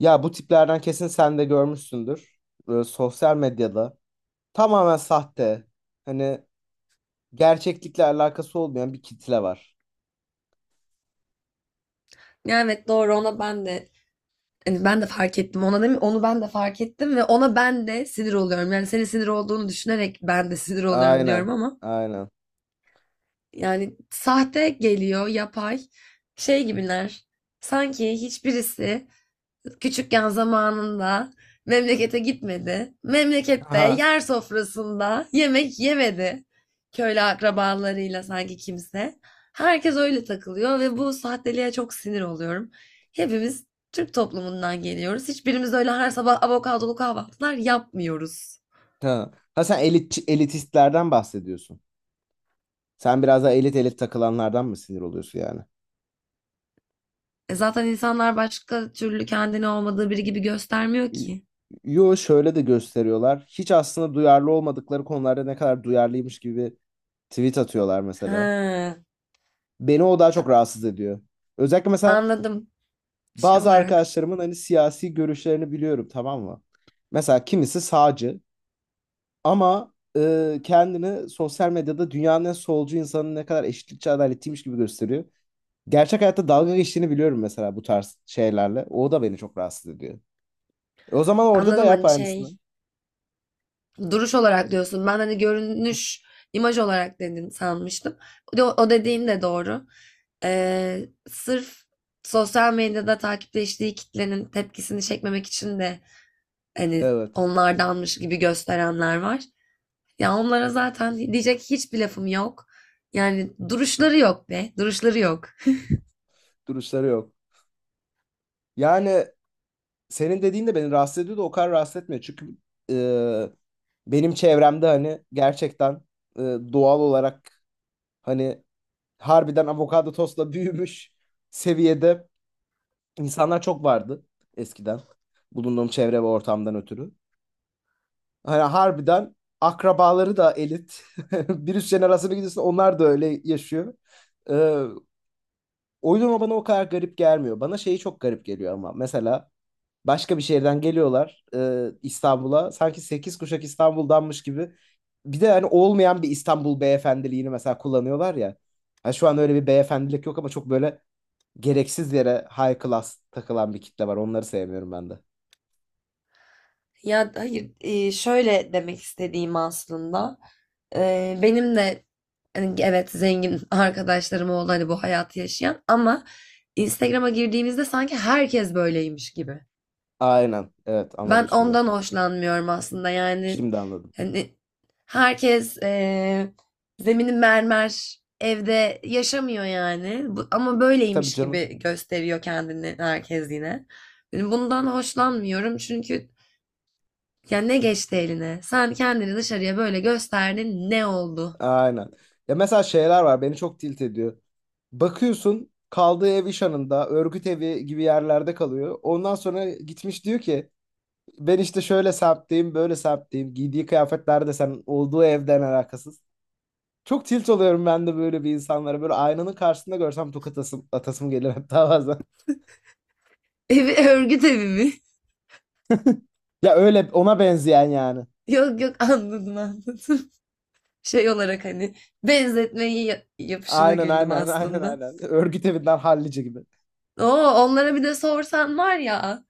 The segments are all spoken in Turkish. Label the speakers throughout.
Speaker 1: Ya bu tiplerden kesin sen de görmüşsündür. Böyle sosyal medyada tamamen sahte. Hani gerçeklikle alakası olmayan bir kitle var.
Speaker 2: Evet doğru ona ben de hani ben de fark ettim ona değil mi? Onu ben de fark ettim ve ona ben de sinir oluyorum. Yani senin sinir olduğunu düşünerek ben de sinir oluyorum
Speaker 1: Aynen.
Speaker 2: diyorum ama
Speaker 1: Aynen.
Speaker 2: yani sahte geliyor, yapay şey gibiler. Sanki hiçbirisi küçükken zamanında memlekete gitmedi. Memlekette
Speaker 1: Aha.
Speaker 2: yer sofrasında yemek yemedi. Köylü akrabalarıyla sanki kimse. Herkes öyle takılıyor ve bu sahteliğe çok sinir oluyorum. Hepimiz Türk toplumundan geliyoruz. Hiçbirimiz öyle her sabah avokadolu kahvaltılar yapmıyoruz.
Speaker 1: Ha. Ha sen elit, elitistlerden bahsediyorsun. Sen biraz daha elit elit takılanlardan mı sinir oluyorsun yani?
Speaker 2: E zaten insanlar başka türlü kendini olmadığı biri gibi göstermiyor
Speaker 1: Y-
Speaker 2: ki.
Speaker 1: Yo, şöyle de gösteriyorlar. Hiç aslında duyarlı olmadıkları konularda ne kadar duyarlıymış gibi tweet atıyorlar mesela.
Speaker 2: Ha,
Speaker 1: Beni o daha çok rahatsız ediyor. Özellikle mesela
Speaker 2: anladım şey
Speaker 1: bazı
Speaker 2: olarak.
Speaker 1: arkadaşlarımın hani siyasi görüşlerini biliyorum, tamam mı? Mesela kimisi sağcı ama kendini sosyal medyada dünyanın en solcu insanın ne kadar eşitlikçi adaletliymiş gibi gösteriyor. Gerçek hayatta dalga geçtiğini biliyorum mesela bu tarz şeylerle. O da beni çok rahatsız ediyor. O zaman orada da
Speaker 2: Anladım
Speaker 1: yap
Speaker 2: hani
Speaker 1: aynısını.
Speaker 2: şey duruş olarak diyorsun. Ben hani görünüş, imaj olarak dedin sanmıştım. O, o dediğin de doğru. Sırf sosyal medyada takipleştiği kitlenin tepkisini çekmemek için de hani
Speaker 1: Evet.
Speaker 2: onlardanmış gibi gösterenler var. Ya onlara zaten diyecek hiçbir lafım yok. Yani duruşları yok be, duruşları yok.
Speaker 1: Duruşları yok. Yani senin dediğin de beni rahatsız ediyor da o kadar rahatsız etmiyor. Çünkü e, benim çevremde hani gerçekten e, doğal olarak hani harbiden avokado tostla büyümüş seviyede insanlar çok vardı eskiden. Bulunduğum çevre ve ortamdan ötürü. Hani harbiden akrabaları da elit. Bir üst jenerasyona gidiyorsun, onlar da öyle yaşıyor. Ee, O yüzden o bana o kadar garip gelmiyor. Bana şeyi çok garip geliyor ama. Mesela başka bir şehirden geliyorlar İstanbul'a. Sanki 8 kuşak İstanbul'danmış gibi. Bir de hani olmayan bir İstanbul beyefendiliğini mesela kullanıyorlar ya. Ha, şu an öyle bir beyefendilik yok ama çok böyle gereksiz yere high class takılan bir kitle var. Onları sevmiyorum ben de.
Speaker 2: Ya hayır şöyle demek istediğim aslında. Benim de hani evet zengin arkadaşlarım oldu hani bu hayatı yaşayan ama Instagram'a girdiğimizde sanki herkes böyleymiş gibi.
Speaker 1: Aynen. Evet, anladım
Speaker 2: Ben
Speaker 1: şimdi.
Speaker 2: ondan hoşlanmıyorum aslında yani
Speaker 1: Şimdi anladım.
Speaker 2: hani herkes zemini mermer evde yaşamıyor yani ama
Speaker 1: Tabii
Speaker 2: böyleymiş
Speaker 1: canım.
Speaker 2: gibi gösteriyor kendini herkes yine. Yani bundan hoşlanmıyorum çünkü ya ne geçti eline? Sen kendini dışarıya böyle gösterdin ne oldu?
Speaker 1: Aynen. Ya mesela şeyler var, beni çok tilt ediyor. Bakıyorsun kaldığı ev iş anında örgüt evi gibi yerlerde kalıyor. Ondan sonra gitmiş diyor ki ben işte şöyle semtteyim, böyle semtteyim. Giydiği kıyafetler de sen olduğu evden alakasız. Çok tilt oluyorum ben de böyle bir insanlara. Böyle aynanın karşısında görsem tokat atasım gelir hatta bazen.
Speaker 2: Evi örgüt evi mi?
Speaker 1: Ya öyle ona benzeyen yani.
Speaker 2: Yok yok, anladım anladım. Şey olarak hani benzetmeyi yapışına
Speaker 1: Aynen
Speaker 2: güldüm
Speaker 1: aynen aynen
Speaker 2: aslında.
Speaker 1: aynen. Örgüt evinden hallice gibi.
Speaker 2: Oo, onlara bir de sorsan var ya,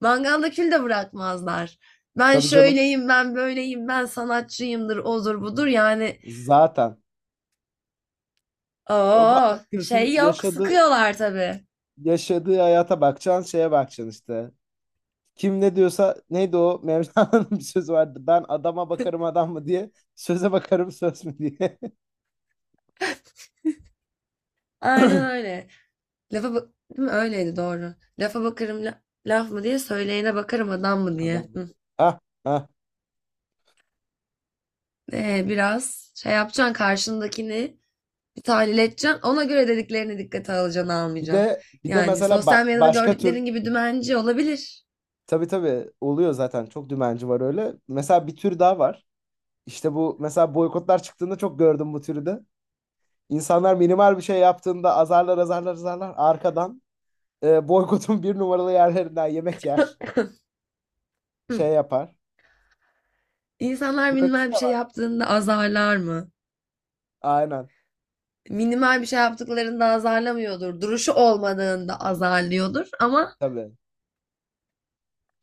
Speaker 2: mangalda kül de bırakmazlar. Ben
Speaker 1: Tabii canım.
Speaker 2: şöyleyim, ben böyleyim, ben sanatçıyımdır, odur budur yani.
Speaker 1: Zaten.
Speaker 2: Oo,
Speaker 1: Bakıyorsun
Speaker 2: şey yok,
Speaker 1: yaşadığı
Speaker 2: sıkıyorlar tabii.
Speaker 1: yaşadığı hayata bakacaksın, şeye bakacaksın işte. Kim ne diyorsa neydi, o Mevlana'nın bir sözü vardı. Ben adama bakarım adam mı diye, söze bakarım söz mü diye.
Speaker 2: Aynen öyle. Lafa bak, değil mi? Öyleydi, doğru. Lafa bakarım, laf mı diye, söyleyene bakarım, adam mı
Speaker 1: Adam
Speaker 2: diye.
Speaker 1: mı?
Speaker 2: Hı.
Speaker 1: Ah ah.
Speaker 2: Biraz şey yapacaksın, karşındakini bir tahlil edeceksin. Ona göre dediklerini dikkate alacaksın
Speaker 1: Bir
Speaker 2: almayacaksın.
Speaker 1: de bir de
Speaker 2: Yani
Speaker 1: mesela
Speaker 2: sosyal medyada
Speaker 1: başka tür
Speaker 2: gördüklerin gibi dümenci olabilir.
Speaker 1: tabii tabii oluyor zaten, çok dümenci var öyle. Mesela bir tür daha var. İşte bu, mesela boykotlar çıktığında çok gördüm bu türü de. İnsanlar minimal bir şey yaptığında azarlar arkadan boykotun bir numaralı yerlerinden yemek yer, şey
Speaker 2: Hı.
Speaker 1: yapar.
Speaker 2: İnsanlar minimal
Speaker 1: Böylesi de
Speaker 2: bir şey
Speaker 1: var.
Speaker 2: yaptığında azarlar mı?
Speaker 1: Aynen.
Speaker 2: Minimal bir şey yaptıklarında azarlamıyordur. Duruşu olmadığında azarlıyordur ama
Speaker 1: Tabii.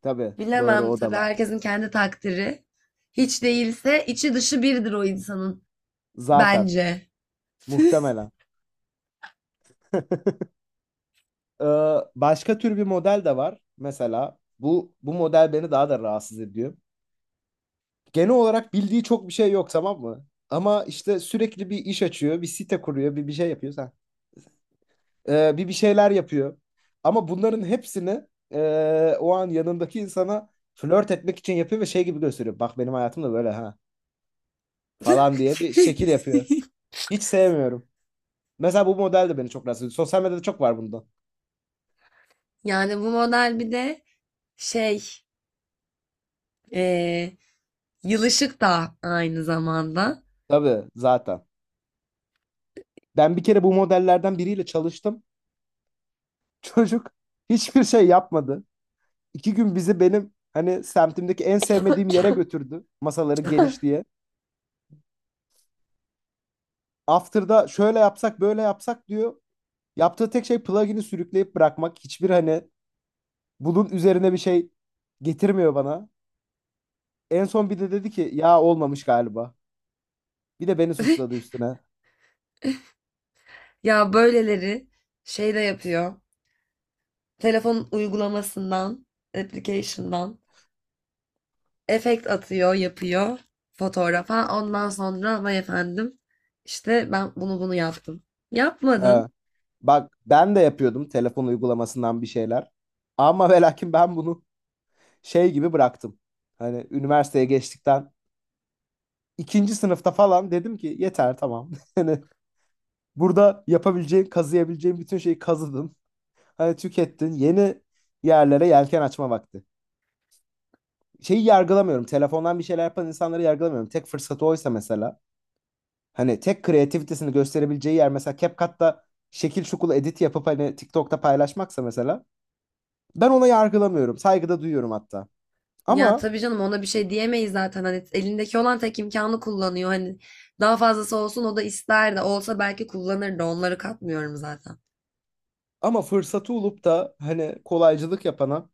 Speaker 1: Tabii. Doğru,
Speaker 2: bilemem
Speaker 1: o da
Speaker 2: tabii,
Speaker 1: var.
Speaker 2: herkesin kendi takdiri. Hiç değilse içi dışı birdir o insanın.
Speaker 1: Zaten.
Speaker 2: Bence.
Speaker 1: Muhtemelen. Ee, Başka tür bir model de var. Mesela bu model beni daha da rahatsız ediyor. Genel olarak bildiği çok bir şey yok, tamam mı? Ama işte sürekli bir iş açıyor, bir site kuruyor, bir şey yapıyor. Ha. Bir şeyler yapıyor. Ama bunların hepsini o an yanındaki insana flört etmek için yapıyor ve şey gibi gösteriyor. Bak benim hayatım da böyle ha falan diye bir şekil yapıyor. Hiç sevmiyorum. Mesela bu model de beni çok rahatsız ediyor. Sosyal medyada çok var bundan.
Speaker 2: Yani bu model bir de şey, eee yılışık da aynı zamanda.
Speaker 1: Tabii zaten. Ben bir kere bu modellerden biriyle çalıştım. Çocuk hiçbir şey yapmadı. İki gün bizi benim hani semtimdeki en sevmediğim yere götürdü. Masaları geniş diye. After'da şöyle yapsak böyle yapsak diyor. Yaptığı tek şey plugin'i sürükleyip bırakmak. Hiçbir hani bunun üzerine bir şey getirmiyor bana. En son bir de dedi ki ya olmamış galiba. Bir de beni suçladı üstüne.
Speaker 2: Ya böyleleri şey de yapıyor. Telefon uygulamasından, application'dan efekt atıyor, yapıyor fotoğrafa. Ondan sonra vay efendim, işte ben bunu bunu yaptım.
Speaker 1: Ha.
Speaker 2: Yapmadın.
Speaker 1: Bak ben de yapıyordum telefon uygulamasından bir şeyler. Ama ve lakin ben bunu şey gibi bıraktım. Hani üniversiteye geçtikten ikinci sınıfta falan dedim ki yeter tamam. Hani burada yapabileceğin, kazıyabileceğin bütün şeyi kazıdın. Hani tükettin. Yeni yerlere yelken açma vakti. Şeyi yargılamıyorum. Telefondan bir şeyler yapan insanları yargılamıyorum. Tek fırsatı oysa mesela. Hani tek kreativitesini gösterebileceği yer mesela CapCut'ta şekil şukul edit yapıp hani TikTok'ta paylaşmaksa mesela. Ben ona yargılamıyorum. Saygıda duyuyorum hatta.
Speaker 2: Ya
Speaker 1: Ama
Speaker 2: tabii canım, ona bir şey diyemeyiz zaten. Hani elindeki olan tek imkanı kullanıyor. Hani daha fazlası olsun o da ister de olsa belki kullanır da, onları katmıyorum zaten.
Speaker 1: ama fırsatı olup da hani kolaycılık yapana,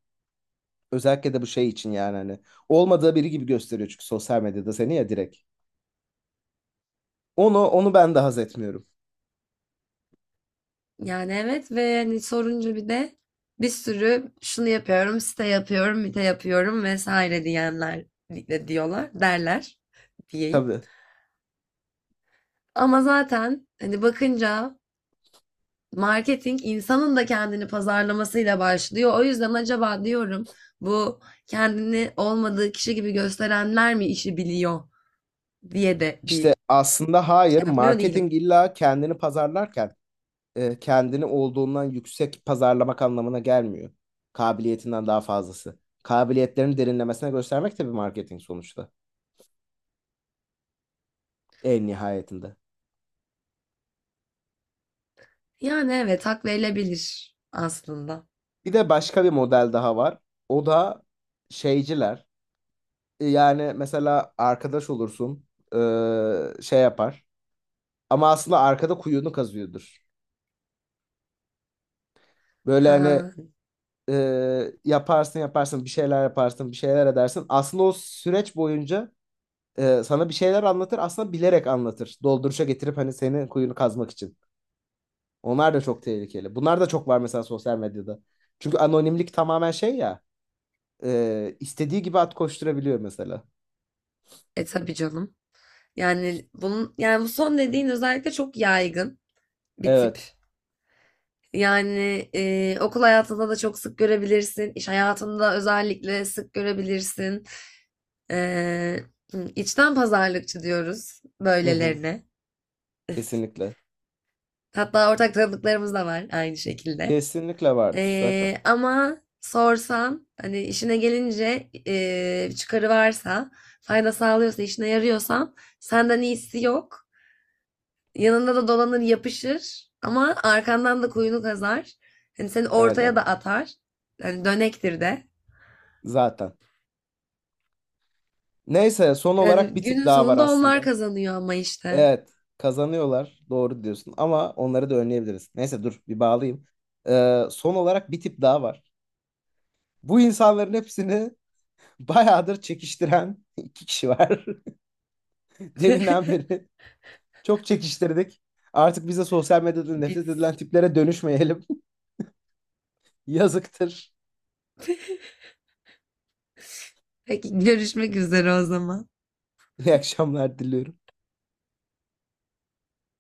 Speaker 1: özellikle de bu şey için, yani hani olmadığı biri gibi gösteriyor çünkü sosyal medyada seni ya direkt. Onu ben de haz etmiyorum.
Speaker 2: Yani evet, ve hani sorunca bir de bir sürü şunu yapıyorum, site yapıyorum, site yapıyorum vesaire diyenler de diyorlar, derler diyeyim.
Speaker 1: Tabii.
Speaker 2: Ama zaten hani bakınca marketing insanın da kendini pazarlamasıyla başlıyor. O yüzden acaba diyorum, bu kendini olmadığı kişi gibi gösterenler mi işi biliyor diye de bir
Speaker 1: İşte aslında hayır,
Speaker 2: şey yapmıyor değilim.
Speaker 1: marketing illa kendini pazarlarken kendini olduğundan yüksek pazarlamak anlamına gelmiyor. Kabiliyetinden daha fazlası. Kabiliyetlerini derinlemesine göstermek de bir marketing sonuçta. En nihayetinde.
Speaker 2: Yani evet, hak verilebilir aslında.
Speaker 1: Bir de başka bir model daha var. O da şeyciler. Yani mesela arkadaş olursun, şey yapar. Ama aslında arkada kuyunu kazıyordur. Böyle hani
Speaker 2: Ha,
Speaker 1: yaparsın bir şeyler yaparsın, bir şeyler edersin. Aslında o süreç boyunca sana bir şeyler anlatır, aslında bilerek anlatır. Dolduruşa getirip hani senin kuyunu kazmak için. Onlar da çok tehlikeli. Bunlar da çok var mesela sosyal medyada. Çünkü anonimlik tamamen şey ya, istediği gibi at koşturabiliyor mesela.
Speaker 2: tabii canım. Yani bunun, yani bu son dediğin özellikle çok yaygın bir tip.
Speaker 1: Evet.
Speaker 2: Yani okul hayatında da çok sık görebilirsin. İş hayatında özellikle sık görebilirsin. E, hı, içten pazarlıkçı diyoruz
Speaker 1: Hı hı.
Speaker 2: böylelerine.
Speaker 1: Kesinlikle.
Speaker 2: Hatta ortak tanıdıklarımız da var aynı şekilde.
Speaker 1: Kesinlikle vardır zaten.
Speaker 2: Ama sorsan hani işine gelince çıkarı varsa, fayda sağlıyorsa, işine yarıyorsan senden iyisi yok. Yanında da dolanır yapışır ama arkandan da kuyunu kazar. Hani seni
Speaker 1: Aynen.
Speaker 2: ortaya da atar. Yani dönektir de.
Speaker 1: Zaten. Neyse, son olarak
Speaker 2: Yani
Speaker 1: bir tip
Speaker 2: günün
Speaker 1: daha var
Speaker 2: sonunda onlar
Speaker 1: aslında.
Speaker 2: kazanıyor ama işte.
Speaker 1: Evet, kazanıyorlar. Doğru diyorsun. Ama onları da önleyebiliriz. Neyse dur bir bağlayayım. Son olarak bir tip daha var. Bu insanların hepsini bayağıdır çekiştiren iki kişi var. Deminden beri çok çekiştirdik. Artık bize sosyal medyada nefret edilen
Speaker 2: Biz.
Speaker 1: tiplere dönüşmeyelim. Yazıktır.
Speaker 2: Peki, görüşmek üzere o zaman.
Speaker 1: İyi akşamlar diliyorum.